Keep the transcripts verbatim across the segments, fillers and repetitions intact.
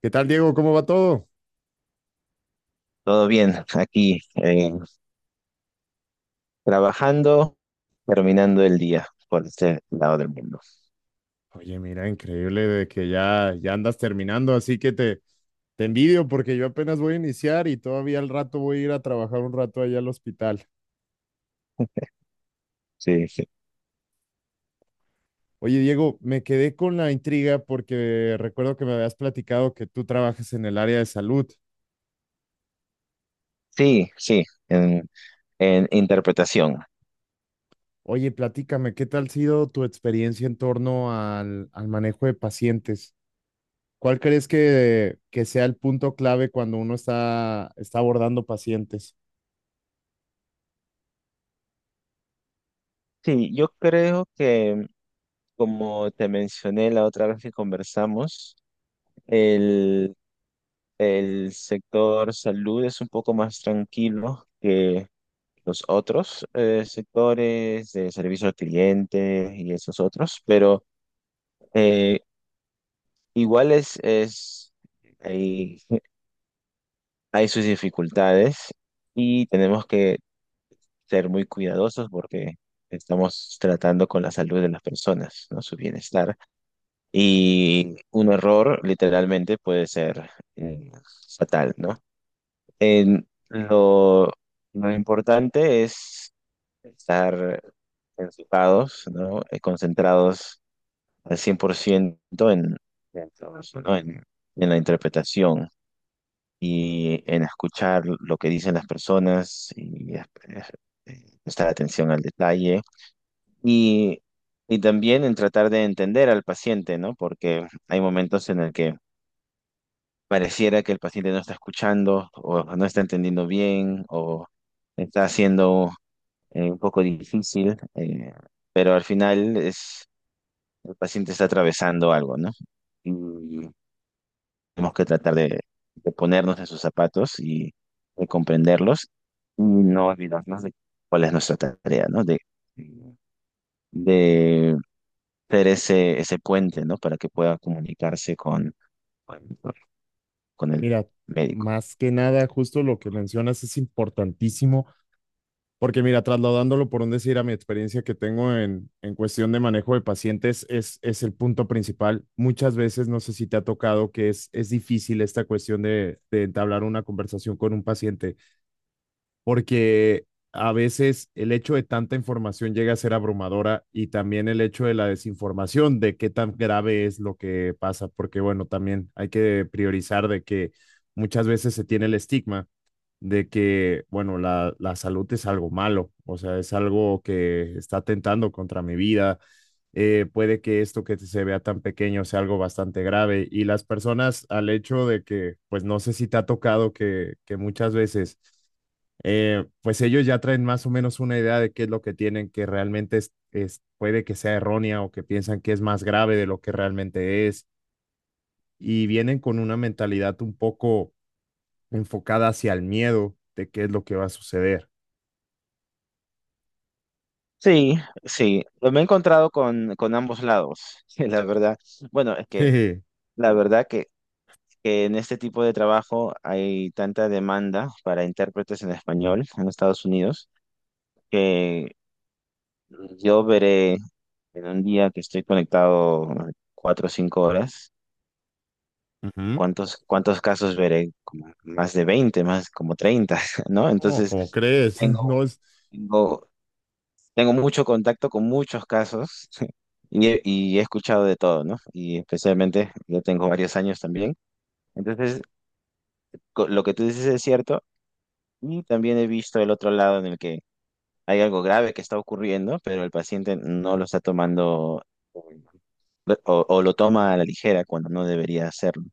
¿Qué tal, Diego? ¿Cómo va todo? Todo bien, aquí eh, trabajando, terminando el día por este lado del mundo. Oye, mira, increíble de que ya, ya andas terminando, así que te, te envidio porque yo apenas voy a iniciar y todavía al rato voy a ir a trabajar un rato allá al hospital. Sí, sí, Oye, Diego, me quedé con la intriga porque recuerdo que me habías platicado que tú trabajas en el área de salud. sí, sí, en, en interpretación. Oye, platícame, ¿qué tal ha sido tu experiencia en torno al, al manejo de pacientes? ¿Cuál crees que, que sea el punto clave cuando uno está, está abordando pacientes? Sí, yo creo que, como te mencioné la otra vez que conversamos, el, el sector salud es un poco más tranquilo que los otros eh, sectores de servicio al cliente y esos otros, pero eh, igual es, es, hay hay sus dificultades y tenemos que ser muy cuidadosos porque estamos tratando con la salud de las personas, ¿no? Su bienestar. Y un error literalmente puede ser eh, fatal, ¿no? En lo, lo importante es estar enfocados, ¿no? Eh, concentrados al cien por ciento en, en todo eso, ¿no? En, en la interpretación y en escuchar lo que dicen las personas y es- eh, prestar atención al detalle y, y también en tratar de entender al paciente, ¿no? Porque hay momentos en el que pareciera que el paciente no está escuchando o no está entendiendo bien o está haciendo eh, un poco difícil, eh, pero al final es el paciente está atravesando algo, ¿no? Y tenemos que tratar de, de ponernos en sus zapatos y de comprenderlos y no olvidarnos de cuál es nuestra tarea, ¿no? De, de ser ese, ese puente, ¿no? Para que pueda comunicarse con, con, con el Mira, médico. más que nada, justo lo que mencionas es importantísimo, porque mira, trasladándolo por un decir a mi experiencia que tengo en, en cuestión de manejo de pacientes, es, es el punto principal. Muchas veces, no sé si te ha tocado que es, es difícil esta cuestión de, de entablar una conversación con un paciente porque a veces el hecho de tanta información llega a ser abrumadora y también el hecho de la desinformación, de qué tan grave es lo que pasa, porque bueno, también hay que priorizar de que muchas veces se tiene el estigma de que, bueno, la, la salud es algo malo, o sea, es algo que está atentando contra mi vida. Eh, puede que esto que se vea tan pequeño sea algo bastante grave y las personas al hecho de que, pues no sé si te ha tocado que, que muchas veces eh, pues ellos ya traen más o menos una idea de qué es lo que tienen, que realmente es, es- puede que sea errónea o que piensan que es más grave de lo que realmente es, y vienen con una mentalidad un poco enfocada hacia el miedo de qué es lo que va a suceder. Sí, sí, lo me he encontrado con, con ambos lados, la verdad. Bueno, es que Jeje. la verdad que, que en este tipo de trabajo hay tanta demanda para intérpretes en español en Estados Unidos que yo veré. En un día que estoy conectado cuatro o cinco horas, Ujú. ¿cuántos, cuántos casos veré? Como más de veinte, más como treinta, ¿no? No, Entonces, ¿cómo crees? No tengo, es, tengo, tengo mucho contacto con muchos casos y he, y he escuchado de todo, ¿no? Y especialmente, yo tengo varios años también. Entonces, co- lo que tú dices es cierto y también he visto el otro lado en el que hay algo grave que está ocurriendo, pero el paciente no lo está tomando o, o lo toma a la ligera cuando no debería hacerlo.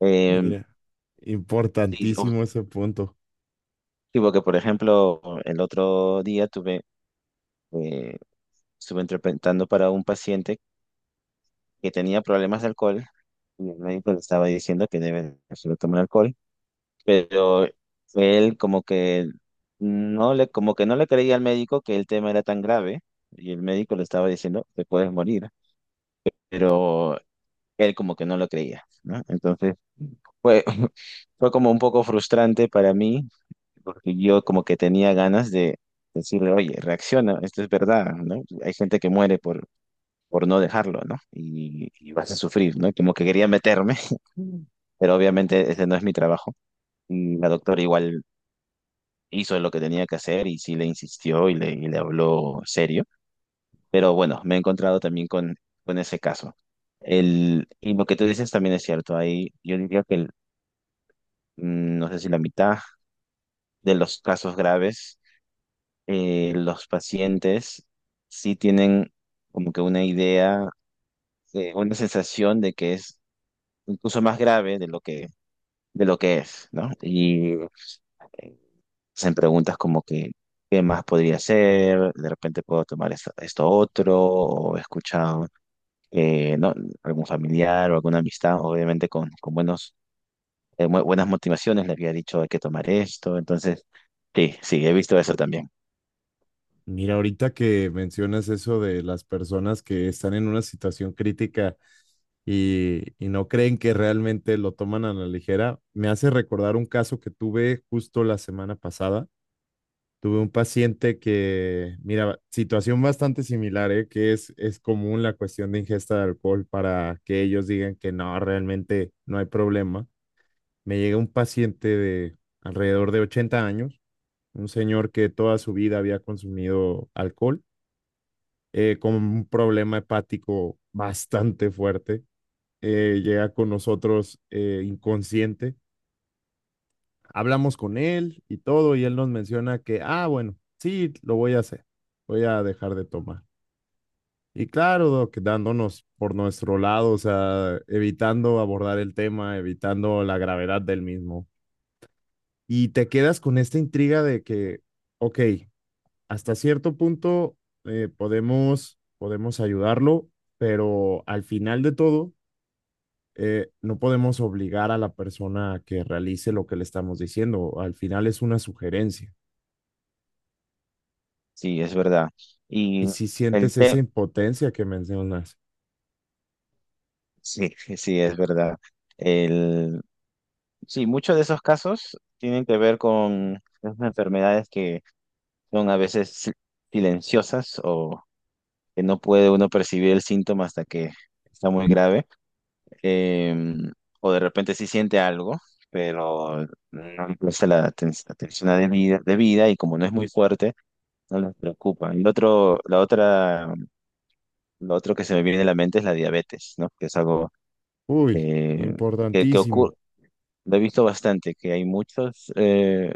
Em, mira, sí, o- importantísimo ese punto. sí, porque por ejemplo, el otro día tuve, eh, estuve interpretando para un paciente que tenía problemas de alcohol y el médico le estaba diciendo que debe solo tomar alcohol, pero él como que no le, como que no le creía al médico que el tema era tan grave y el médico le estaba diciendo, te puedes morir, pero él como que no lo creía, ¿no? Entonces fue, fue como un poco frustrante para mí porque yo como que tenía ganas de decirle, oye, reacciona, esto es verdad, ¿no? Hay gente que muere por, por no dejarlo, ¿no? Y, y vas a sufrir, ¿no? Como que quería meterme, pero obviamente ese no es mi trabajo. Y la doctora igual hizo lo que tenía que hacer y sí le insistió y le, y le habló serio, pero bueno, me he encontrado también con, con ese caso. El, y lo que tú dices también es cierto, ahí yo diría que el- mm, no sé si la mitad de los casos graves, eh, los pacientes sí tienen como que una idea, eh, una sensación de que es incluso más grave de lo que, de lo que es, ¿no? Y eh, hacen preguntas como que, ¿qué más podría hacer? De repente puedo tomar esto, esto otro, o he escuchado, eh, ¿no? Algún familiar o alguna amistad, obviamente con, con buenos, eh, bu- buenas motivaciones, le había dicho hay que tomar esto, entonces, sí, sí, he visto eso también. Mira, ahorita que mencionas eso de las personas que están en una situación crítica y, y no creen que realmente lo toman a la ligera, me hace recordar un caso que tuve justo la semana pasada. Tuve un paciente que, mira, situación bastante similar, ¿eh? Que es, es común la cuestión de ingesta de alcohol para que ellos digan que no, realmente no hay problema. Me llega un paciente de alrededor de ochenta años, un señor que toda su vida había consumido alcohol eh, con un problema hepático bastante fuerte. Eh, llega con nosotros eh, inconsciente. Hablamos con él y todo, y él nos menciona que, ah, bueno, sí, lo voy a hacer, voy a dejar de tomar. Y claro, Doc, dándonos por nuestro lado, o sea, evitando abordar el tema, evitando la gravedad del mismo. Y te quedas con esta intriga de que, ok, hasta cierto punto eh, podemos, podemos ayudarlo, pero al final de todo, eh, no podemos obligar a la persona a que realice lo que le estamos diciendo. Al final es una sugerencia. Sí, es verdad. Y Y si el sientes esa tema, impotencia que mencionas, sí, sí, es verdad. El, sí, muchos de esos casos tienen que ver con esas enfermedades que son a veces si- silenciosas o que no puede uno percibir el síntoma hasta que está muy grave. Em, o de repente sí siente algo, pero no le presta la aten- atención debida, debida y como no es muy fuerte. No les preocupa. El otro, la otra, lo otro que se me viene a la mente es la diabetes, ¿no? Que es algo uy, eh, que, que importantísimo. ocurre, lo he visto bastante, que hay muchos eh,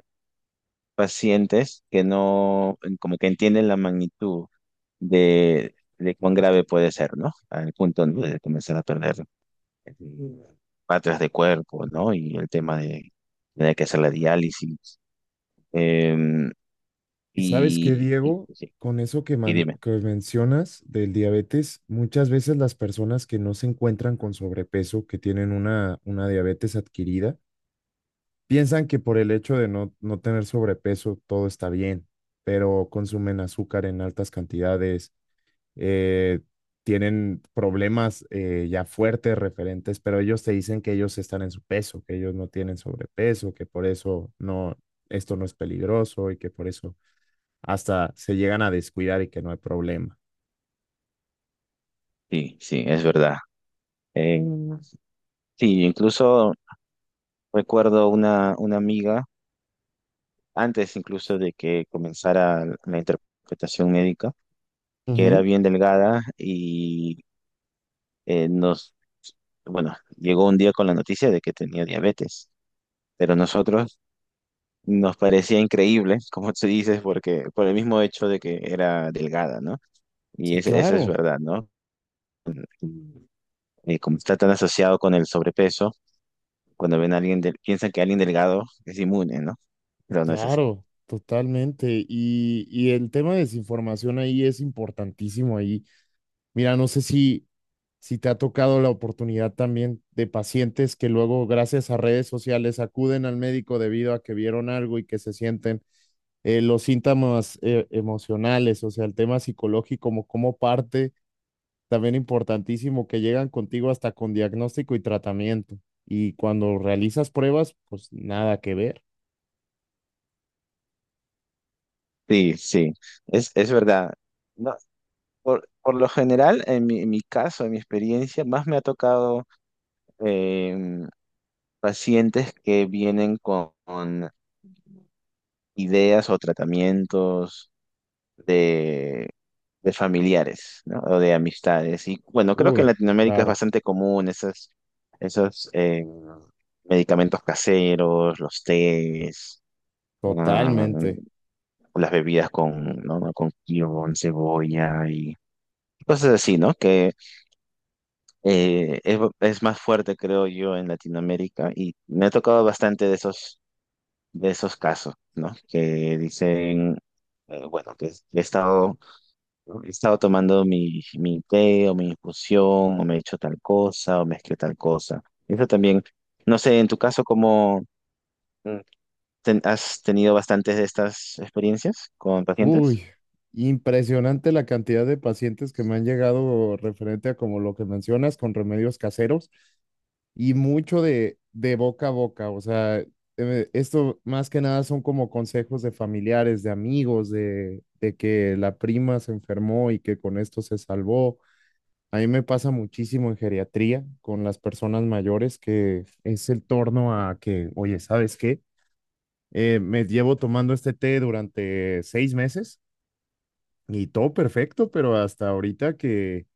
pacientes que no, como que entienden la magnitud de, de cuán grave puede ser, ¿no? Al punto, ¿no?, de comenzar a perder eh, partes de cuerpo, ¿no? Y el tema de tener que hacer la diálisis. Eh, ¿Y sabes qué, y, y, Diego? sí, Con eso que, y man- dime, que mencionas del diabetes, muchas veces las personas que no se encuentran con sobrepeso, que tienen una, una diabetes adquirida, piensan que por el hecho de no, no tener sobrepeso todo está bien, pero consumen azúcar en altas cantidades, eh, tienen problemas eh, ya fuertes referentes, pero ellos te dicen que ellos están en su peso, que ellos no tienen sobrepeso, que por eso no, esto no es peligroso y que por eso hasta se llegan a descuidar y que no hay problema. sí, sí, es verdad. Eh, Sí, incluso recuerdo una, una amiga, antes incluso de que comenzara la interpretación médica, que era Ujú. bien delgada y eh, nos, bueno, llegó un día con la noticia de que tenía diabetes, pero nosotros nos parecía increíble, como tú dices, porque por el mismo hecho de que era delgada, ¿no? Y Sí, ese- eso es claro, verdad, ¿no? Eh, como está tan asociado con el sobrepeso, cuando ven a alguien, del- piensan que alguien delgado es inmune, ¿no? Pero no es así. claro, totalmente. Y, y el tema de desinformación ahí es importantísimo ahí. Mira, no sé si, si te ha tocado la oportunidad también de pacientes que luego, gracias a redes sociales, acuden al médico debido a que vieron algo y que se sienten eh, los síntomas eh, emocionales, o sea, el tema psicológico como, como parte también importantísimo que llegan contigo hasta con diagnóstico y tratamiento. Y cuando realizas pruebas, pues nada que ver. Sí, sí, es, es verdad. No, por, por lo general, en mi, en mi caso, en mi experiencia, más me ha tocado em, pacientes que vienen con, con ideas o tratamientos de, de familiares, ¿no? O de amistades. Y bueno, creo que en Uy, Latinoamérica es claro, bastante común esas, esos em, medicamentos caseros, los tés, ah, totalmente. las bebidas con, ¿no?, con kion, cebolla y cosas así, ¿no? Que eh, es, es más fuerte, creo yo, en Latinoamérica y me ha tocado bastante de esos, de esos casos, ¿no? Que dicen, eh, bueno, que he estado, he estado tomando mi, mi té o mi infusión o me he hecho tal cosa o mezclé tal cosa. Eso también, no sé, en tu caso, ¿cómo mm, ten- has tenido bastantes de estas experiencias con pacientes? Uy, impresionante la cantidad de pacientes que me han llegado referente a como lo que mencionas con remedios caseros y mucho de, de boca a boca. O sea, eh, esto más que nada son como consejos de familiares, de amigos, de, de que la prima se enfermó y que con esto se salvó. A mí me pasa muchísimo en geriatría con las personas mayores que es el torno a que, oye, ¿sabes qué? Eh, me llevo tomando este té durante seis meses y todo perfecto, pero hasta ahorita que,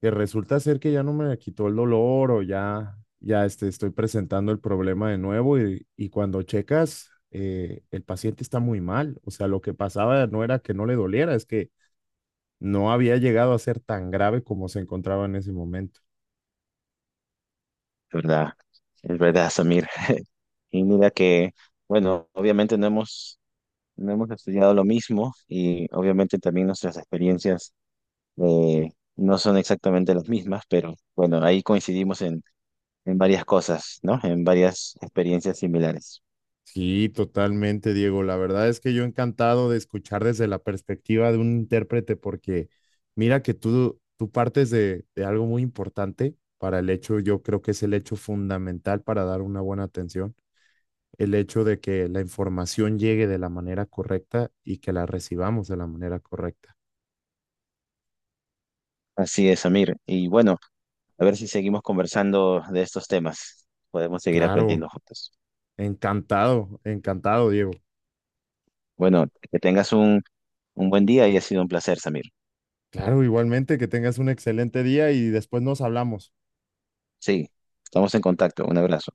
que resulta ser que ya no me quitó el dolor o ya, ya este, estoy presentando el problema de nuevo y, y cuando checas, eh, el paciente está muy mal. O sea, lo que pasaba no era que no le doliera, es que no había llegado a ser tan grave como se encontraba en ese momento. Es verdad, es verdad, Samir. Y mira que, bueno, obviamente no hemos no hemos estudiado lo mismo y obviamente también nuestras experiencias eh, no son exactamente las mismas, pero bueno, ahí coincidimos en, en varias cosas, ¿no? En varias experiencias similares. Sí, totalmente, Diego. La verdad es que yo encantado de escuchar desde la perspectiva de un intérprete, porque mira que tú, tú partes de, de algo muy importante para el hecho, yo creo que es el hecho fundamental para dar una buena atención, el hecho de que la información llegue de la manera correcta y que la recibamos de la manera correcta. Así es, Amir. Y bueno, a ver si seguimos conversando de estos temas. Podemos seguir Claro, aprendiendo juntos. encantado, encantado, Diego. Bueno, que tengas un, un buen día y ha sido un placer, Samir. Claro, igualmente que tengas un excelente día y después nos hablamos. Sí, estamos en contacto. Un abrazo.